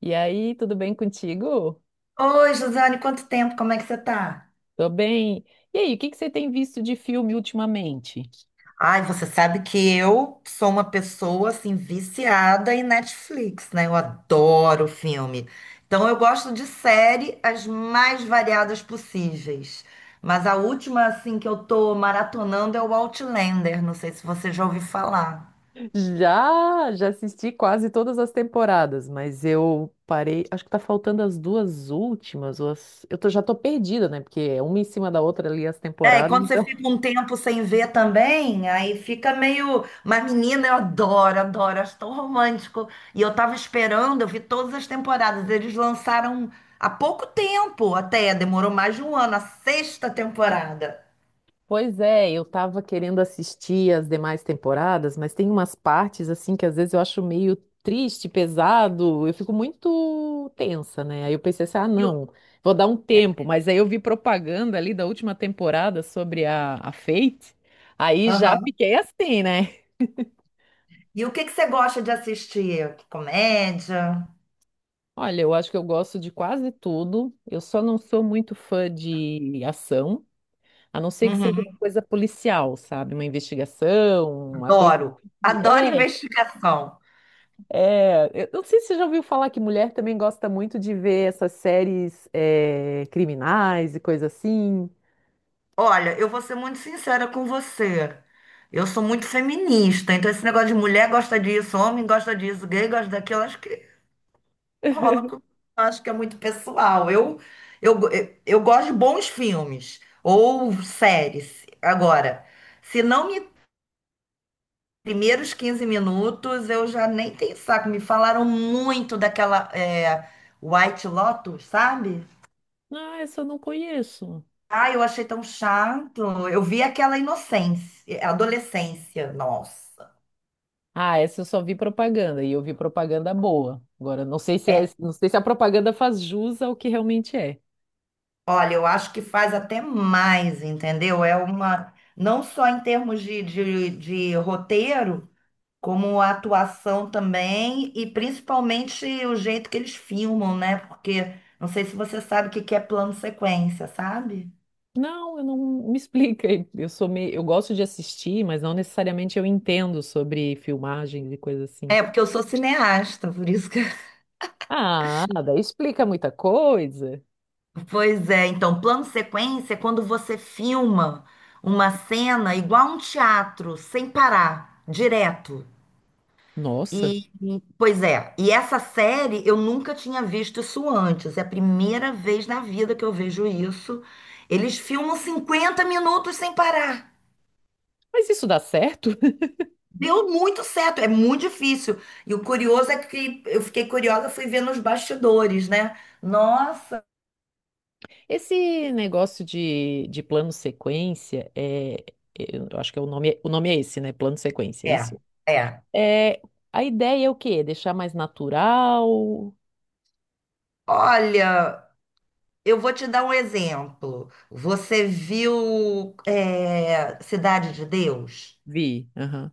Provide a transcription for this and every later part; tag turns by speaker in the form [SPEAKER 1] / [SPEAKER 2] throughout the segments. [SPEAKER 1] E aí, tudo bem contigo?
[SPEAKER 2] Oi, Josiane, quanto tempo? Como é que você tá?
[SPEAKER 1] Tô bem. E aí, o que que você tem visto de filme ultimamente?
[SPEAKER 2] Ai, você sabe que eu sou uma pessoa assim viciada em Netflix, né? Eu adoro filme. Então eu gosto de série as mais variadas possíveis. Mas a última assim que eu tô maratonando é o Outlander, não sei se você já ouviu falar.
[SPEAKER 1] Já assisti quase todas as temporadas, mas eu parei. Acho que tá faltando as duas últimas. Ou eu tô, já tô perdida, né? Porque é uma em cima da outra ali as
[SPEAKER 2] É, e
[SPEAKER 1] temporadas,
[SPEAKER 2] quando você
[SPEAKER 1] então.
[SPEAKER 2] fica um tempo sem ver também, aí fica meio. Mas, menina, eu adoro, adoro, acho tão romântico. E eu tava esperando, eu vi todas as temporadas. Eles lançaram há pouco tempo até, demorou mais de um ano, a sexta temporada.
[SPEAKER 1] Pois é, eu tava querendo assistir as demais temporadas, mas tem umas partes assim que às vezes eu acho meio triste, pesado, eu fico muito tensa, né? Aí eu pensei assim, ah,
[SPEAKER 2] E o,
[SPEAKER 1] não, vou dar um tempo, mas aí eu vi propaganda ali da última temporada sobre a Fate, aí já
[SPEAKER 2] aham.
[SPEAKER 1] fiquei assim, né?
[SPEAKER 2] E o que que você gosta de assistir? Comédia?
[SPEAKER 1] Olha, eu acho que eu gosto de quase tudo, eu só não sou muito fã de ação, a não ser que seja uma
[SPEAKER 2] Uhum,
[SPEAKER 1] coisa policial, sabe? Uma investigação, uma coisa.
[SPEAKER 2] adoro. Adoro
[SPEAKER 1] É,
[SPEAKER 2] investigação.
[SPEAKER 1] é, eu não sei se você já ouviu falar que mulher também gosta muito de ver essas séries é, criminais e coisa assim.
[SPEAKER 2] Olha, eu vou ser muito sincera com você. Eu sou muito feminista, então esse negócio de mulher gosta disso, homem gosta disso, gay gosta daquilo, acho que rola com... Acho que é muito pessoal. Eu, eu gosto de bons filmes ou séries. Agora, se não me primeiros 15 minutos, eu já nem tenho saco. Me falaram muito daquela White Lotus, sabe?
[SPEAKER 1] Ah, essa eu não conheço.
[SPEAKER 2] Ah, eu achei tão chato. Eu vi aquela inocência, adolescência, nossa.
[SPEAKER 1] Ah, essa eu só vi propaganda e eu vi propaganda boa. Agora, não sei se é,
[SPEAKER 2] É,
[SPEAKER 1] não sei se a propaganda faz jus ao que realmente é.
[SPEAKER 2] olha, eu acho que faz até mais, entendeu? É uma, não só em termos de roteiro, como a atuação também, e principalmente o jeito que eles filmam, né? Porque não sei se você sabe o que que é plano sequência, sabe?
[SPEAKER 1] Não, eu não me explica. Eu sou meio, eu gosto de assistir, mas não necessariamente eu entendo sobre filmagens e coisa assim.
[SPEAKER 2] É, porque eu sou cineasta, por isso que.
[SPEAKER 1] Ah, daí explica muita coisa.
[SPEAKER 2] Pois é, então, plano sequência é quando você filma uma cena igual a um teatro, sem parar, direto.
[SPEAKER 1] Nossa,
[SPEAKER 2] Pois é, e essa série eu nunca tinha visto isso antes. É a primeira vez na vida que eu vejo isso. Eles filmam 50 minutos sem parar.
[SPEAKER 1] mas isso dá certo?
[SPEAKER 2] Deu muito certo, é muito difícil. E o curioso é que eu fiquei curiosa, fui ver nos bastidores, né? Nossa,
[SPEAKER 1] Esse negócio de, plano sequência, é, eu acho que é o nome, o nome é esse, né? Plano sequência, é
[SPEAKER 2] é,
[SPEAKER 1] isso?
[SPEAKER 2] é.
[SPEAKER 1] É, a ideia é o quê? Deixar mais natural?
[SPEAKER 2] Olha, eu vou te dar um exemplo. Você viu, Cidade de Deus?
[SPEAKER 1] Vi. Aham.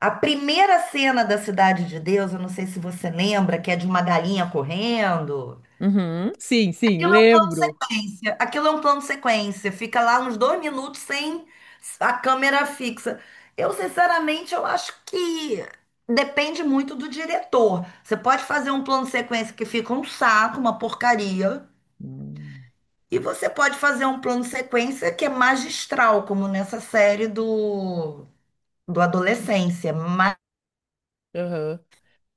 [SPEAKER 2] A primeira cena da Cidade de Deus, eu não sei se você lembra, que é de uma galinha correndo.
[SPEAKER 1] Uhum. Sim, sim,
[SPEAKER 2] Aquilo é um plano
[SPEAKER 1] lembro.
[SPEAKER 2] sequência. Aquilo é um plano sequência. Fica lá uns dois minutos sem a câmera fixa. Eu, sinceramente, eu acho que depende muito do diretor. Você pode fazer um plano sequência que fica um saco, uma porcaria.
[SPEAKER 1] Hum.
[SPEAKER 2] E você pode fazer um plano sequência que é magistral, como nessa série do Adolescência.
[SPEAKER 1] Aham,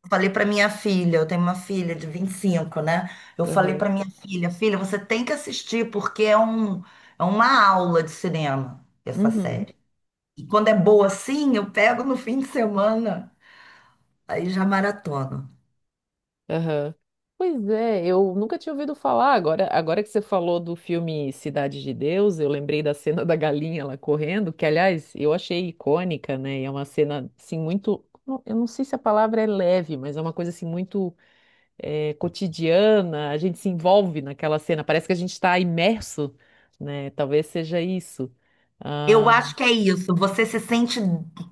[SPEAKER 2] Falei para minha filha, eu tenho uma filha de 25, né? Eu falei
[SPEAKER 1] aham.
[SPEAKER 2] para minha filha, filha, você tem que assistir porque é um, é uma aula de cinema essa
[SPEAKER 1] Uhum.
[SPEAKER 2] série. E quando é boa assim, eu pego no fim de semana, aí já maratona.
[SPEAKER 1] Aham. Pois é, eu nunca tinha ouvido falar. Agora, agora que você falou do filme Cidade de Deus, eu lembrei da cena da galinha lá correndo, que aliás eu achei icônica, né? E é uma cena assim muito, eu não sei se a palavra é leve, mas é uma coisa assim muito cotidiana. A gente se envolve naquela cena. Parece que a gente está imerso, né? Talvez seja isso.
[SPEAKER 2] Eu
[SPEAKER 1] Ah,
[SPEAKER 2] acho que é isso, você se sente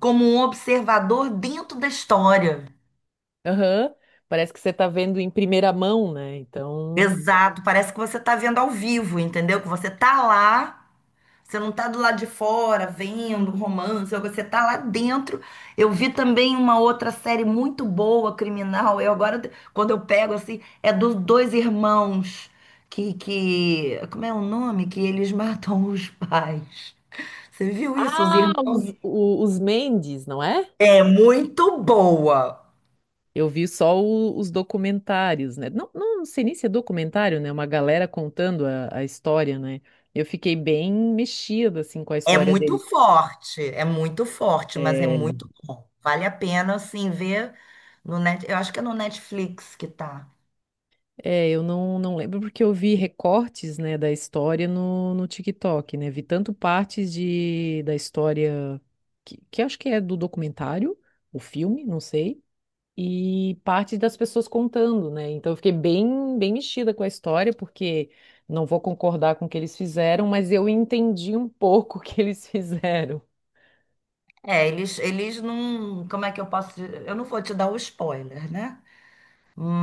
[SPEAKER 2] como um observador dentro da história.
[SPEAKER 1] aham. Parece que você está vendo em primeira mão, né? Então,
[SPEAKER 2] Exato, parece que você está vendo ao vivo, entendeu? Que você tá lá. Você não tá do lado de fora vendo um romance, você tá lá dentro. Eu vi também uma outra série muito boa, criminal. Eu agora, quando eu pego assim, é dos dois irmãos como é o nome? Que eles matam os pais. Você viu isso, os
[SPEAKER 1] ah,
[SPEAKER 2] irmãos?
[SPEAKER 1] os, os Mendes, não é?
[SPEAKER 2] É muito boa.
[SPEAKER 1] Eu vi só os documentários, né? Não, não sei nem se é documentário, né? Uma galera contando a história, né? Eu fiquei bem mexida, assim, com a história dele.
[SPEAKER 2] É muito forte, mas é
[SPEAKER 1] É,
[SPEAKER 2] muito bom. Vale a pena, assim, ver no Eu acho que é no Netflix que tá.
[SPEAKER 1] é, eu não, não lembro porque eu vi recortes, né, da história no, no TikTok, né? Vi tanto partes de, da história que acho que é do documentário, o filme, não sei, e parte das pessoas contando, né? Então eu fiquei bem, bem mexida com a história, porque não vou concordar com o que eles fizeram, mas eu entendi um pouco o que eles fizeram.
[SPEAKER 2] É, eles não. Como é que eu posso. Dizer? Eu não vou te dar o spoiler, né?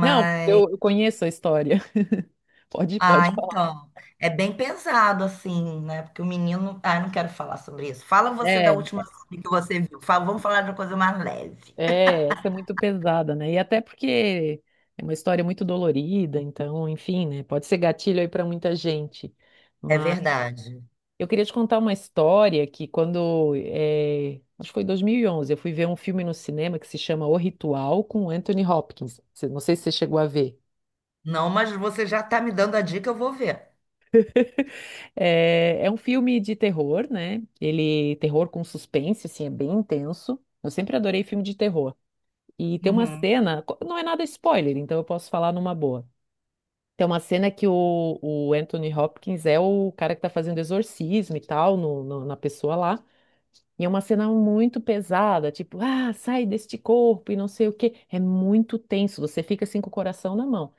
[SPEAKER 1] Não, eu conheço a história. Pode,
[SPEAKER 2] Ah,
[SPEAKER 1] pode falar.
[SPEAKER 2] então. É bem pesado, assim, né? Porque o menino. Ah, eu não quero falar sobre isso. Fala você da
[SPEAKER 1] É,
[SPEAKER 2] última série que você viu. Vamos falar de uma coisa mais leve.
[SPEAKER 1] é, essa é muito pesada, né? E até porque é uma história muito dolorida, então, enfim, né? Pode ser gatilho aí para muita gente.
[SPEAKER 2] É verdade.
[SPEAKER 1] Eu queria te contar uma história que quando, acho que foi em 2011, eu fui ver um filme no cinema que se chama O Ritual com Anthony Hopkins. Não sei se você chegou a ver.
[SPEAKER 2] Não, mas você já tá me dando a dica, eu vou ver.
[SPEAKER 1] É, é um filme de terror, né? Ele, terror com suspense, assim, é bem intenso. Eu sempre adorei filme de terror. E tem uma
[SPEAKER 2] Uhum.
[SPEAKER 1] cena, não é nada spoiler, então eu posso falar numa boa. Tem uma cena que o Anthony Hopkins é o cara que tá fazendo exorcismo e tal na pessoa lá. E é uma cena muito pesada, tipo, ah, sai deste corpo e não sei o quê. É muito tenso, você fica assim com o coração na mão.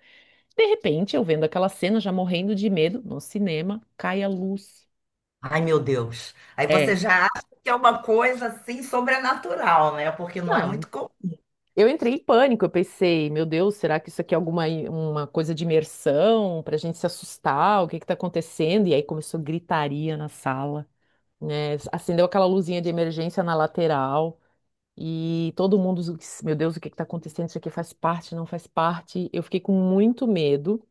[SPEAKER 1] De repente, eu vendo aquela cena, já morrendo de medo, no cinema, cai a luz.
[SPEAKER 2] Ai, meu Deus. Aí
[SPEAKER 1] É.
[SPEAKER 2] você já acha que é uma coisa, assim, sobrenatural, né? Porque não é
[SPEAKER 1] Não,
[SPEAKER 2] muito comum.
[SPEAKER 1] eu entrei em pânico, eu pensei, meu Deus, será que isso aqui é alguma uma coisa de imersão pra gente se assustar? O que que tá acontecendo? E aí começou gritaria na sala, né? Acendeu aquela luzinha de emergência na lateral. E todo mundo, meu Deus, o que está acontecendo? Isso aqui faz parte, não faz parte. Eu fiquei com muito medo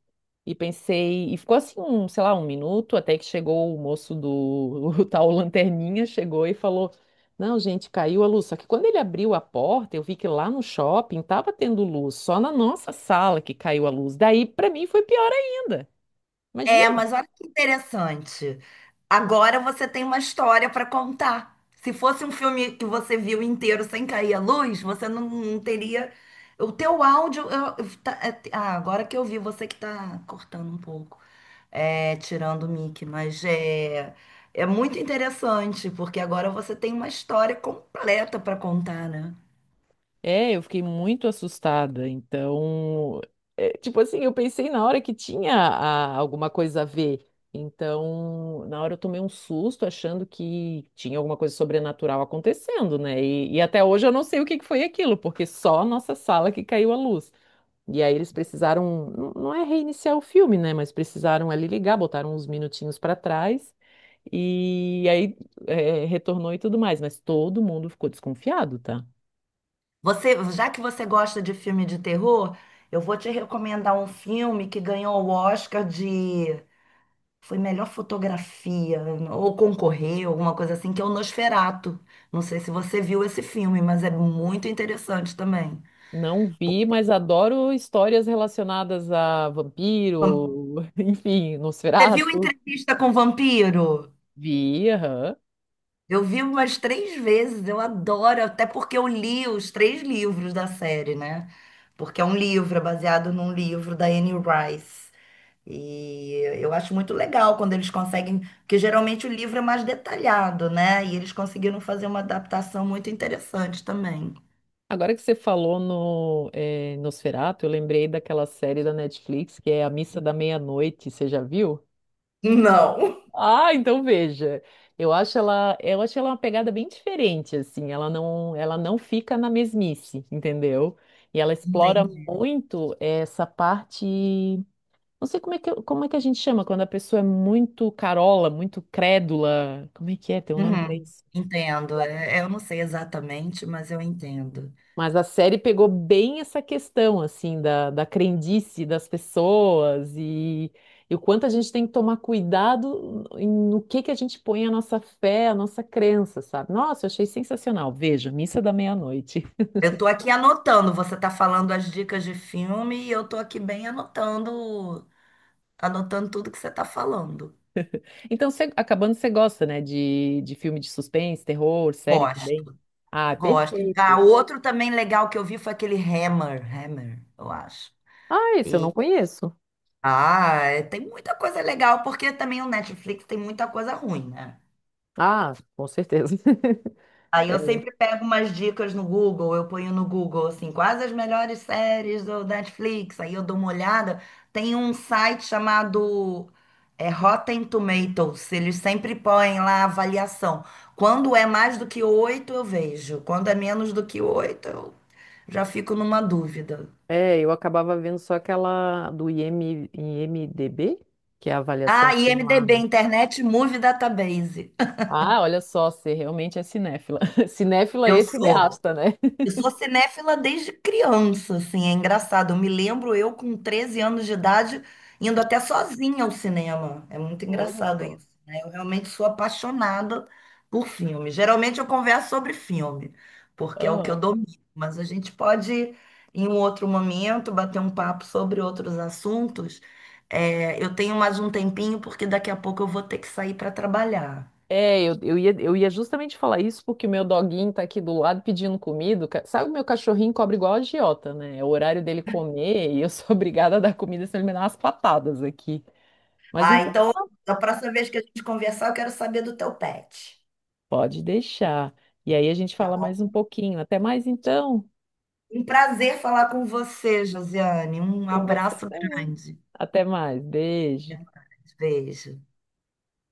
[SPEAKER 1] e pensei, e ficou assim, um, sei lá, um minuto, até que chegou o moço do o tal Lanterninha, chegou e falou: não, gente, caiu a luz. Só que quando ele abriu a porta, eu vi que lá no shopping estava tendo luz, só na nossa sala que caiu a luz. Daí, para mim, foi pior ainda.
[SPEAKER 2] É,
[SPEAKER 1] Imagina.
[SPEAKER 2] mas olha que interessante. Agora você tem uma história para contar. Se fosse um filme que você viu inteiro sem cair a luz, você não teria. O teu áudio. Agora que eu vi, você que está cortando um pouco, é, tirando o mic, é muito interessante, porque agora você tem uma história completa para contar, né?
[SPEAKER 1] É, eu fiquei muito assustada. Então, é, tipo assim, eu pensei na hora que tinha alguma coisa a ver. Então, na hora eu tomei um susto achando que tinha alguma coisa sobrenatural acontecendo, né? E até hoje eu não sei o que que foi aquilo, porque só a nossa sala que caiu a luz. E aí eles precisaram, não é reiniciar o filme, né? Mas precisaram ali ligar, botaram uns minutinhos para trás e aí é, retornou e tudo mais. Mas todo mundo ficou desconfiado, tá?
[SPEAKER 2] Você, já que você gosta de filme de terror, eu vou te recomendar um filme que ganhou o Oscar de foi melhor fotografia, ou concorreu, alguma coisa assim, que é o Nosferatu. Não sei se você viu esse filme, mas é muito interessante também.
[SPEAKER 1] Não vi, mas adoro histórias relacionadas a
[SPEAKER 2] Você
[SPEAKER 1] vampiro, enfim,
[SPEAKER 2] viu
[SPEAKER 1] Nosferatu.
[SPEAKER 2] Entrevista com o Vampiro?
[SPEAKER 1] Vi, aham.
[SPEAKER 2] Eu vi umas 3 vezes, eu adoro, até porque eu li os 3 livros da série, né? Porque é um livro, é baseado num livro da Anne Rice. E eu acho muito legal quando eles conseguem, porque geralmente o livro é mais detalhado, né? E eles conseguiram fazer uma adaptação muito interessante também.
[SPEAKER 1] Agora que você falou no Nosferatu, eu lembrei daquela série da Netflix que é A Missa da Meia-Noite, você já viu?
[SPEAKER 2] Não.
[SPEAKER 1] Ah, então veja. Eu acho ela uma pegada bem diferente, assim. Ela não fica na mesmice, entendeu? E ela explora
[SPEAKER 2] Entendi.
[SPEAKER 1] muito essa parte. Não sei como é que a gente chama quando a pessoa é muito carola, muito crédula. Como é que é? Tem um nome pra
[SPEAKER 2] Uhum.
[SPEAKER 1] isso?
[SPEAKER 2] Entendo. É, eu não sei exatamente, mas eu entendo.
[SPEAKER 1] Mas a série pegou bem essa questão, assim, da, da crendice das pessoas e o quanto a gente tem que tomar cuidado no que a gente põe a nossa fé, a nossa crença, sabe? Nossa, eu achei sensacional. Veja, Missa da Meia-Noite.
[SPEAKER 2] Eu tô aqui anotando. Você tá falando as dicas de filme e eu tô aqui bem anotando, anotando tudo que você tá falando.
[SPEAKER 1] Então, acabando, você gosta, né, de filme de suspense, terror, série também?
[SPEAKER 2] Gosto,
[SPEAKER 1] Ah, é
[SPEAKER 2] gosto. Ah,
[SPEAKER 1] perfeito.
[SPEAKER 2] outro também legal que eu vi foi aquele Hammer, eu acho.
[SPEAKER 1] Ah, esse eu não
[SPEAKER 2] E
[SPEAKER 1] conheço.
[SPEAKER 2] Tem muita coisa legal porque também o Netflix tem muita coisa ruim, né?
[SPEAKER 1] Ah, com certeza.
[SPEAKER 2] Aí eu sempre pego umas dicas no Google, eu ponho no Google, assim, quais as melhores séries do Netflix, aí eu dou uma olhada. Tem um site chamado Rotten Tomatoes, eles sempre põem lá a avaliação. Quando é mais do que 8, eu vejo. Quando é menos do que 8, eu já fico numa dúvida.
[SPEAKER 1] É, eu acabava vendo só aquela do IMDB, que é a
[SPEAKER 2] Ah,
[SPEAKER 1] avaliação que tem lá,
[SPEAKER 2] IMDb,
[SPEAKER 1] né?
[SPEAKER 2] Internet Movie Database.
[SPEAKER 1] Ah, olha só, você realmente é cinéfila. Cinéfila
[SPEAKER 2] Eu
[SPEAKER 1] e
[SPEAKER 2] sou.
[SPEAKER 1] cineasta, né?
[SPEAKER 2] Eu sou cinéfila desde criança, assim, é engraçado. Eu me lembro eu com 13 anos de idade indo até sozinha ao cinema. É muito
[SPEAKER 1] Olha
[SPEAKER 2] engraçado
[SPEAKER 1] só.
[SPEAKER 2] isso, né? Eu realmente sou apaixonada por filme. Geralmente eu converso sobre filme, porque é o que eu
[SPEAKER 1] Aham.
[SPEAKER 2] domino, mas a gente pode, em um outro momento, bater um papo sobre outros assuntos. É, eu tenho mais um tempinho, porque daqui a pouco eu vou ter que sair para trabalhar.
[SPEAKER 1] É, eu, eu ia justamente falar isso porque o meu doguinho tá aqui do lado pedindo comida. Sabe, o meu cachorrinho cobra igual a agiota, né? É o horário dele comer e eu sou obrigada a dar comida, senão ele me dá umas patadas aqui. Mas
[SPEAKER 2] Ah,
[SPEAKER 1] então,
[SPEAKER 2] então,
[SPEAKER 1] tá.
[SPEAKER 2] da próxima vez que a gente conversar, eu quero saber do teu pet.
[SPEAKER 1] Pode deixar. E aí a gente fala mais um pouquinho. Até mais então.
[SPEAKER 2] Um prazer falar com você, Josiane. Um
[SPEAKER 1] Com você
[SPEAKER 2] abraço
[SPEAKER 1] também.
[SPEAKER 2] grande.
[SPEAKER 1] Até mais.
[SPEAKER 2] Até
[SPEAKER 1] Beijo.
[SPEAKER 2] mais. Beijo.